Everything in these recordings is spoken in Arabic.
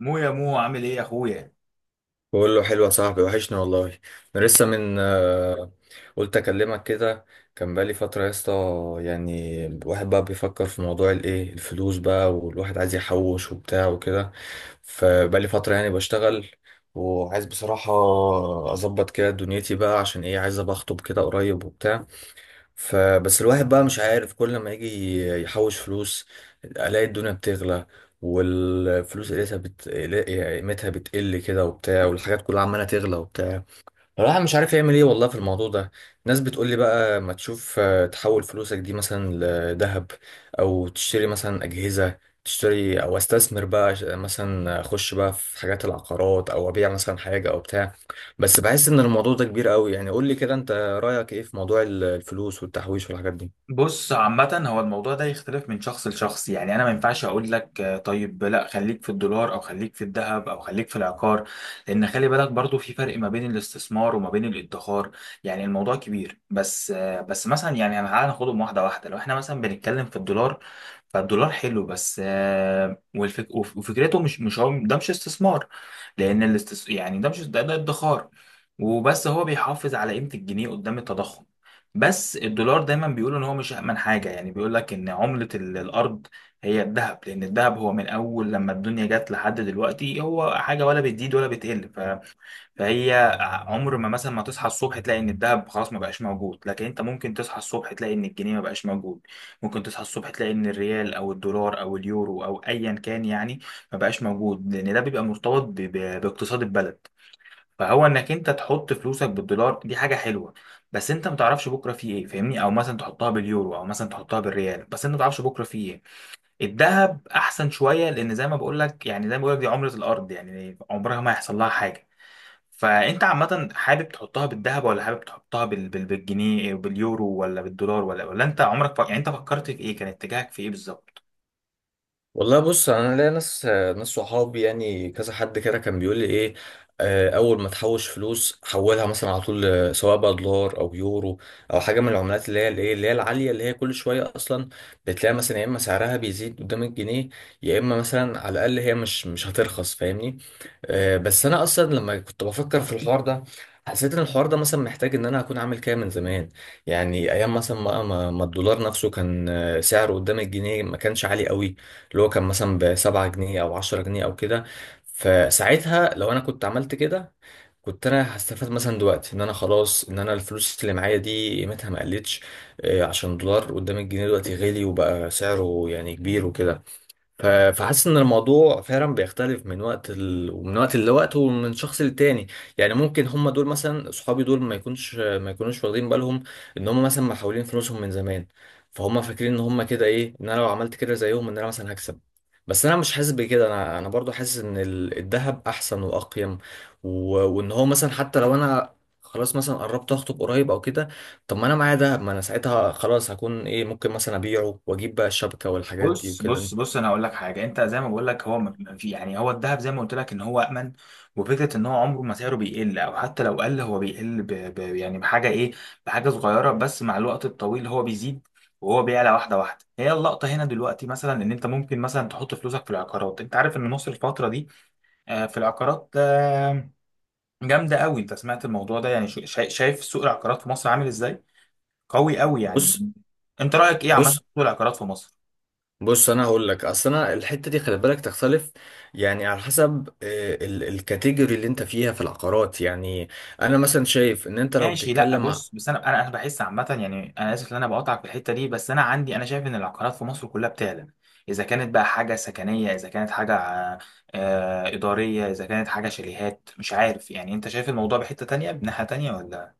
يا مو عامل ايه يا اخويا؟ بقول له حلوة يا صاحبي، وحشني والله. انا لسه من آه، قلت اكلمك كده. كان بقالي فترة يا اسطى، يعني الواحد بقى بيفكر في موضوع الايه الفلوس بقى، والواحد عايز يحوش وبتاع وكده. فبقالي فترة يعني بشتغل، وعايز بصراحة اظبط كده دنيتي بقى، عشان ايه، عايز ابقى اخطب كده قريب وبتاع. فبس الواحد بقى مش عارف، كل ما يجي يحوش فلوس الاقي الدنيا بتغلى، والفلوس قيمتها بتقل كده وبتاع، والحاجات كلها عمالة تغلى وبتاع. الواحد مش عارف يعمل ايه والله في الموضوع ده. ناس بتقول لي بقى، ما تشوف تحول فلوسك دي مثلا لذهب، او تشتري مثلا اجهزه، تشتري او استثمر بقى، مثلا اخش بقى في حاجات العقارات، او ابيع مثلا حاجه او بتاع. بس بحس ان الموضوع ده كبير قوي، يعني قول لي كده، انت رايك ايه في موضوع الفلوس والتحويش والحاجات دي؟ بص، عامة هو الموضوع ده يختلف من شخص لشخص، يعني انا ما ينفعش اقول لك طيب لا خليك في الدولار او خليك في الذهب او خليك في العقار. لان خلي بالك برضو في فرق ما بين الاستثمار وما بين الادخار. يعني الموضوع كبير، بس مثلا يعني أنا تعالى ناخدهم واحدة واحدة. لو احنا مثلا بنتكلم في الدولار، فالدولار حلو، بس وفكرته مش هو ده مش استثمار. لان يعني ده مش ده، ده ادخار. وبس هو بيحافظ على قيمة الجنيه قدام التضخم. بس الدولار دايما بيقولوا ان هو مش امن حاجه، يعني بيقول لك ان عمله الارض هي الذهب، لان الذهب هو من اول لما الدنيا جت لحد دلوقتي هو حاجه ولا بتزيد ولا بتقل فهي عمر ما مثلا ما تصحى الصبح تلاقي ان الذهب خلاص ما بقاش موجود، لكن انت ممكن تصحى الصبح تلاقي ان الجنيه ما بقاش موجود. ممكن تصحى الصبح تلاقي ان الريال او الدولار او اليورو او ايا كان يعني ما بقاش موجود، لان ده بيبقى مرتبط باقتصاد البلد. فهو انك انت تحط فلوسك بالدولار دي حاجه حلوه، بس انت ما تعرفش بكره فيه ايه، فاهمني؟ او مثلا تحطها باليورو او مثلا تحطها بالريال، بس انت ما تعرفش بكره فيه ايه. الذهب احسن شويه لان زي ما بقول لك، يعني زي ما بقول لك دي عمره الارض، يعني عمرها ما هيحصل لها حاجه. فانت عامه حابب تحطها بالذهب ولا حابب تحطها بالجنيه باليورو ولا بالدولار ولا انت عمرك يعني انت فكرت في ايه؟ كان اتجاهك في ايه بالظبط؟ والله بص، انا ليا ناس، ناس صحابي يعني، كذا حد كده كان بيقول لي ايه، اول ما تحوش فلوس حولها مثلا على طول، سواء بقى دولار او يورو، او حاجه من العملات اللي هي الايه، اللي هي العاليه، اللي هي كل شويه اصلا بتلاقي مثلا يا اما سعرها بيزيد قدام الجنيه، يا اما مثلا على الاقل هي مش هترخص، فاهمني؟ بس انا اصلا لما كنت بفكر في الحوار ده، حسيت ان الحوار ده مثلا محتاج ان انا اكون عامل كده من زمان. يعني ايام مثلا ما الدولار نفسه كان سعره قدام الجنيه ما كانش عالي قوي، اللي هو كان مثلا بـ7 جنيه أو 10 جنيه أو كده. فساعتها لو أنا كنت عملت كده، كنت أنا هستفاد مثلا دلوقتي إن أنا خلاص، إن أنا الفلوس اللي معايا دي قيمتها ما قلتش، عشان دولار قدام الجنيه دلوقتي غالي، وبقى سعره يعني كبير وكده. فحاسس ان الموضوع فعلا بيختلف من وقت لوقت، ومن شخص للتاني. يعني ممكن هم دول مثلا صحابي دول، ما يكونوش واخدين بالهم ان هم مثلا محولين فلوسهم من زمان، فهم فاكرين ان هم كده ايه، ان انا لو عملت كده زيهم ان انا مثلا هكسب. بس انا مش حاسس بكده، انا برضو حاسس ان الذهب احسن واقيم، و... وان هو مثلا حتى لو انا خلاص مثلا قربت اخطب قريب او كده، طب ما انا معايا دهب، ما انا ساعتها خلاص هكون ايه، ممكن مثلا ابيعه واجيب بقى الشبكه والحاجات دي بص وكده. بص بص انا هقول لك حاجه. انت زي ما بقول لك هو في يعني هو الذهب زي ما قلت لك ان هو امن، وفكره ان هو عمره ما سعره بيقل، او حتى لو قل هو بيقل ب يعني بحاجه ايه، بحاجه صغيره، بس مع الوقت الطويل هو بيزيد. وهو بيعلى واحده واحده. هي اللقطه هنا دلوقتي مثلا ان انت ممكن مثلا تحط فلوسك في العقارات. انت عارف ان مصر الفتره دي في العقارات جامده قوي. انت سمعت الموضوع ده، يعني شايف سوق العقارات في مصر عامل ازاي؟ قوي قوي يعني. بص انت رايك ايه عامه في بص سوق العقارات في مصر؟ بص، انا هقول لك، اصل انا الحته دي خلي بالك تختلف، يعني على حسب، الكاتيجوري اللي انت فيها في العقارات يعني. انا مثلا شايف ان انت لو ماشي، لا بتتكلم، بص، بس انا بحس عامه، يعني انا اسف ان انا بقاطعك في الحته دي، بس انا عندي انا شايف ان العقارات في مصر كلها بتعلى، اذا كانت بقى حاجه سكنيه، اذا كانت حاجه اداريه، اذا كانت حاجه شاليهات مش عارف. يعني انت شايف الموضوع بحته تانية بناحيه تانية ولا؟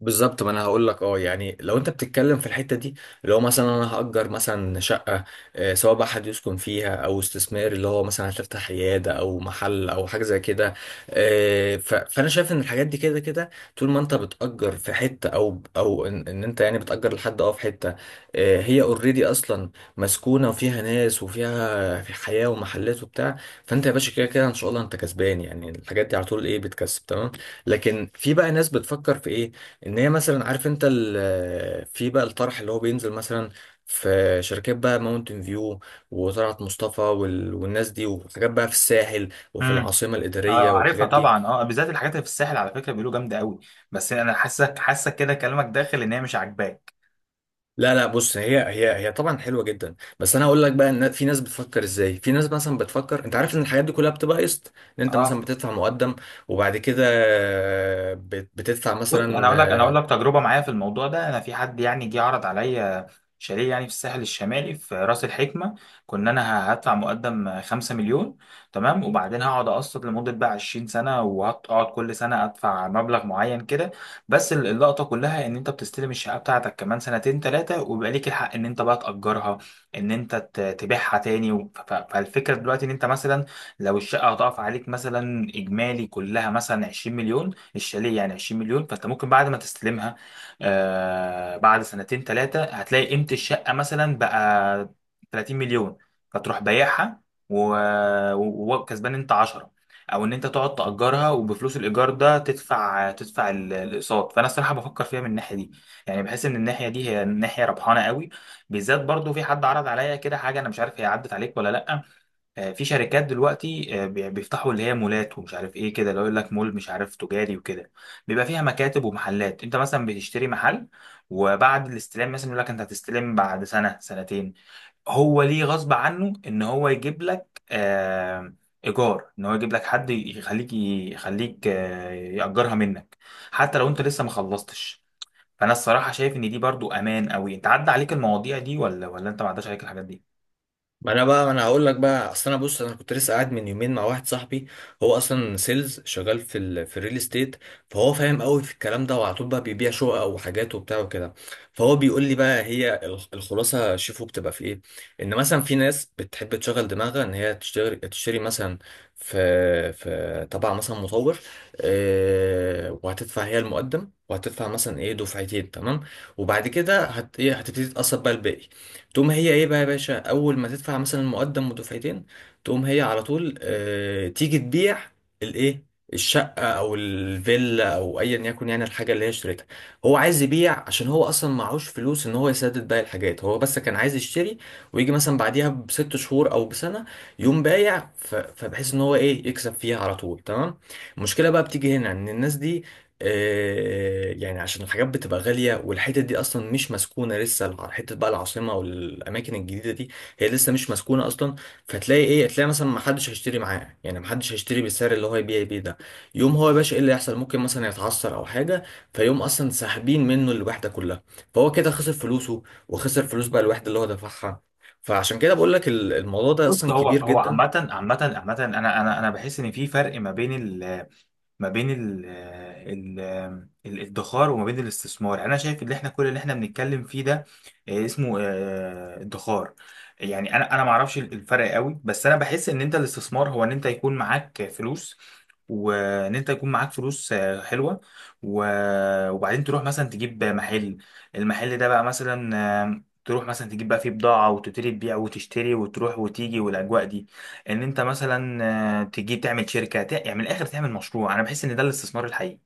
بالظبط. ما انا هقول لك، يعني لو انت بتتكلم في الحته دي، اللي هو مثلا انا هأجر مثلا شقه، سواء بقى حد يسكن فيها او استثمار، اللي هو مثلا هتفتح عياده او محل او حاجه زي كده. فانا شايف ان الحاجات دي كده كده، طول ما انت بتأجر في حته، او إن انت يعني بتأجر لحد في حته، هي اوريدي اصلا مسكونه، وفيها ناس، وفيها في حياه ومحلات وبتاع. فانت يا باشا كده كده ان شاء الله انت كسبان، يعني الحاجات دي على طول ايه، بتكسب تمام. لكن في بقى ناس بتفكر في ايه، ان هي مثلا، عارف انت في بقى الطرح اللي هو بينزل مثلا، في شركات بقى ماونتن فيو وطلعت مصطفى، والناس دي، وحاجات بقى في الساحل وفي امم. العاصمه الاداريه اه، عارفها والحاجات دي. طبعا، اه، بالذات الحاجات اللي في الساحل على فكره بيقولوا جامده قوي. بس انا حاسك كده كلامك داخل ان هي مش عاجباك. لا لا، بص، هي طبعا حلوه جدا، بس انا هقول لك بقى ان في ناس بتفكر ازاي. في ناس مثلا بتفكر، انت عارف ان الحاجات دي كلها بتبقى قسط، ان انت مثلا اه بتدفع مقدم، وبعد كده بتدفع بص، انا مثلا. اقول لك انا اقول لك تجربه معايا في الموضوع ده. انا في حد يعني جه عرض عليا شاليه، يعني في الساحل الشمالي في راس الحكمه. كنا انا هدفع مقدم 5 مليون، تمام، وبعدين هقعد اقسط لمده بقى 20 سنه، وهقعد كل سنه ادفع مبلغ معين كده. بس اللقطه كلها ان انت بتستلم الشقه بتاعتك كمان سنتين ثلاثه، وبيبقى ليك الحق ان انت بقى تاجرها، ان انت تبيعها تاني فالفكره دلوقتي ان انت مثلا لو الشقه هتقف عليك مثلا اجمالي كلها مثلا 20 مليون، الشاليه يعني 20 مليون، فانت ممكن بعد ما تستلمها آه بعد سنتين ثلاثه هتلاقي قيمه الشقه مثلا بقى 30 مليون، فتروح بايعها و- وكسبان انت 10، او ان انت تقعد تاجرها وبفلوس الايجار ده تدفع تدفع الاقساط. فانا الصراحه بفكر فيها من الناحيه دي، يعني بحس ان الناحيه دي هي ناحيه ربحانه قوي. بالذات برضو في حد عرض عليا كده حاجه، انا مش عارف هي عدت عليك ولا لا. في شركات دلوقتي بيفتحوا اللي هي مولات ومش عارف ايه كده، لو يقول لك مول مش عارف تجاري وكده، بيبقى فيها مكاتب ومحلات. انت مثلا بتشتري محل، وبعد الاستلام مثلا يقول لك انت هتستلم بعد سنة سنتين، هو ليه غصب عنه ان هو يجيب لك ايجار، ان هو يجيب لك حد يخليك يأجرها منك حتى لو انت لسه ما خلصتش. فانا الصراحة شايف ان دي برضو امان قوي. انت عدى عليك المواضيع دي ولا انت ما عداش عليك الحاجات دي؟ ما انا هقول لك بقى، اصل انا بص، انا كنت لسه قاعد من يومين مع واحد صاحبي، هو اصلا سيلز شغال في الريل استيت، فهو فاهم قوي في الكلام ده، وعلى طول بقى بيبيع شقق وحاجات وبتاع وكده. فهو بيقول لي بقى هي الخلاصه، شوفوا بتبقى في ايه، ان مثلا في ناس بتحب تشغل دماغها ان هي تشتري مثلا في في تبع مثلا مطور، وهتدفع هي المقدم، وهتدفع مثلا ايه دفعتين تمام، وبعد كده هت ايه هتبتدي تقسط بقى الباقي. تقوم هي ايه بقى يا باشا، اول ما تدفع مثلا المقدم ودفعتين، تقوم هي على طول تيجي تبيع الايه الشقه او الفيلا او ايا يكن، يعني الحاجه اللي هي اشتريتها. هو عايز يبيع عشان هو اصلا معهوش فلوس ان هو يسدد باقي الحاجات، هو بس كان عايز يشتري، ويجي مثلا بعديها بـ6 شهور او بسنه يقوم بايع. فبحيث ان هو ايه يكسب فيها على طول تمام. المشكله بقى بتيجي هنا ان الناس دي، يعني عشان الحاجات بتبقى غالية، والحتت دي أصلا مش مسكونة لسه، حتة بقى العاصمة والأماكن الجديدة دي، هي لسه مش مسكونة أصلا، فتلاقي تلاقي مثلا محدش هيشتري معاه، يعني محدش هيشتري بالسعر اللي هو يبيع بيه ده. يوم هو يا باشا إيه اللي يحصل، ممكن مثلا يتعثر أو حاجة، فيقوم أصلا ساحبين منه الوحدة كلها، فهو كده خسر فلوسه، وخسر فلوس بقى الوحدة اللي هو دفعها. فعشان كده بقول لك الموضوع ده بص، أصلا هو كبير هو جدا. عامة انا بحس ان في فرق ما بين الادخار وما بين الاستثمار. يعني انا شايف ان احنا كل اللي احنا بنتكلم فيه ده اسمه ادخار. يعني انا ما اعرفش الفرق قوي، بس انا بحس ان انت الاستثمار هو ان انت يكون معاك فلوس، وان انت يكون معاك فلوس حلوه، وبعدين تروح مثلا تجيب محل. المحل ده بقى مثلا تروح مثلا تجيب بقى فيه بضاعة وتبتدي تبيع وتشتري وتروح وتيجي والأجواء دي. ان انت مثلا تيجي تعمل شركه يعني من الاخر تعمل مشروع. انا بحس ان ده الاستثمار الحقيقي،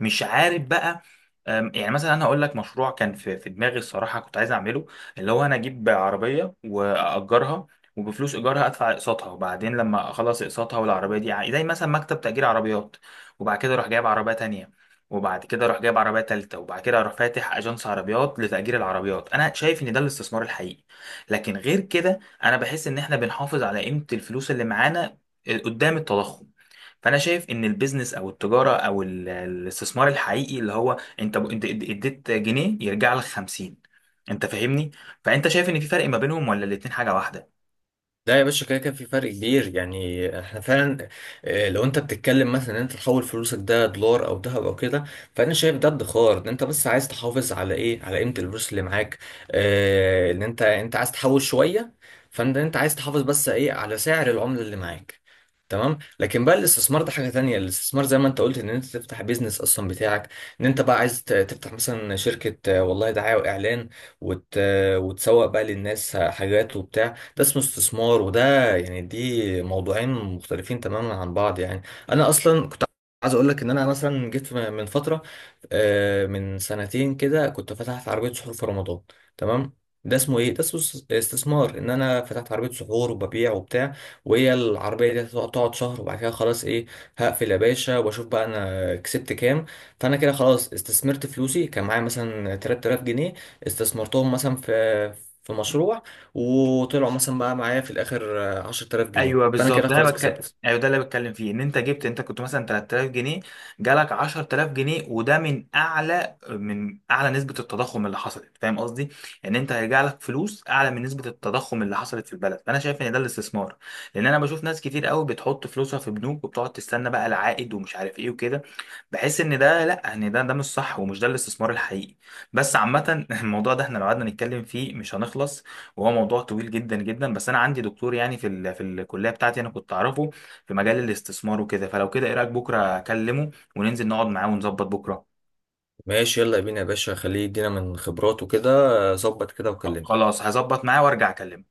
مش عارف بقى. يعني مثلا انا هقول لك مشروع كان في دماغي الصراحه كنت عايز اعمله، اللي هو انا اجيب عربيه واجرها، وبفلوس ايجارها ادفع اقساطها، وبعدين لما اخلص اقساطها والعربيه دي زي مثلا مكتب تاجير عربيات. وبعد كده اروح جايب عربيه تانية، وبعد كده اروح جايب عربيه تالتة، وبعد كده اروح فاتح اجنس عربيات لتاجير العربيات. انا شايف ان ده الاستثمار الحقيقي. لكن غير كده انا بحس ان احنا بنحافظ على قيمه الفلوس اللي معانا قدام التضخم. فانا شايف ان البيزنس او التجاره او الاستثمار الحقيقي اللي هو انت انت اديت جنيه يرجع لك 50، انت فاهمني؟ فانت شايف ان في فرق ما بينهم ولا الاتنين حاجه واحده؟ لا يا باشا، كده كان في فرق كبير. يعني احنا فعلا، لو انت بتتكلم مثلا ان انت تحول فلوسك ده دولار او ذهب او كده، فانا شايف ده ادخار، ان انت بس عايز تحافظ على ايه، على قيمة الفلوس اللي معاك. اه ان انت عايز تحول شوية، فانت عايز تحافظ بس ايه، على سعر العملة اللي معاك تمام. لكن بقى الاستثمار ده حاجة تانية، الاستثمار زي ما انت قلت ان انت تفتح بيزنس اصلا بتاعك، ان انت بقى عايز تفتح مثلا شركة، والله دعاية واعلان، وت... وتسوق بقى للناس حاجات وبتاع. ده اسمه استثمار، وده يعني، دي موضوعين مختلفين تماما عن بعض يعني. انا اصلا كنت عايز اقول لك ان انا مثلا جيت من فتره، من سنتين كده كنت فتحت عربيه سحور في رمضان تمام. ده اسمه ايه، ده اسمه استثمار، ان انا فتحت عربيه سحور وببيع وبتاع، وهي العربيه دي تقعد شهر، وبعد كده خلاص هقفل يا باشا، واشوف بقى انا كسبت كام. فانا كده خلاص استثمرت فلوسي، كان معايا مثلا 3000 جنيه استثمرتهم مثلا في مشروع، وطلعوا مثلا بقى معايا في الاخر 10000 جنيه، ايوه فانا بالظبط، كده ده انا خلاص بتكلم، كسبت. ايوه ده اللي بتكلم فيه ان انت جبت انت كنت مثلا 3000 جنيه، جالك 10000 جنيه، وده من اعلى من اعلى نسبه التضخم اللي حصلت، فاهم قصدي؟ ان انت هيرجع لك فلوس اعلى من نسبه التضخم اللي حصلت في البلد. فانا شايف ان ده الاستثمار، لان انا بشوف ناس كتير قوي بتحط فلوسها في بنوك وبتقعد تستنى بقى العائد ومش عارف ايه وكده. بحس ان ده لا، ان ده ده مش صح، ومش ده الاستثمار الحقيقي. بس عامه الموضوع ده احنا لو قعدنا نتكلم فيه مش هنخلص، وهو موضوع طويل جدا جدا. بس انا عندي دكتور يعني في الكليه بتاعتي انا كنت اعرفه في مجال الاستثمار وكده، فلو كده ايه رايك بكره اكلمه وننزل نقعد معاه ونظبط بكره؟ ماشي يلا بينا يا باشا، خليه يدينا من خبراته كده. ظبط كده وكلمني. خلاص هظبط معاه وارجع اكلمه.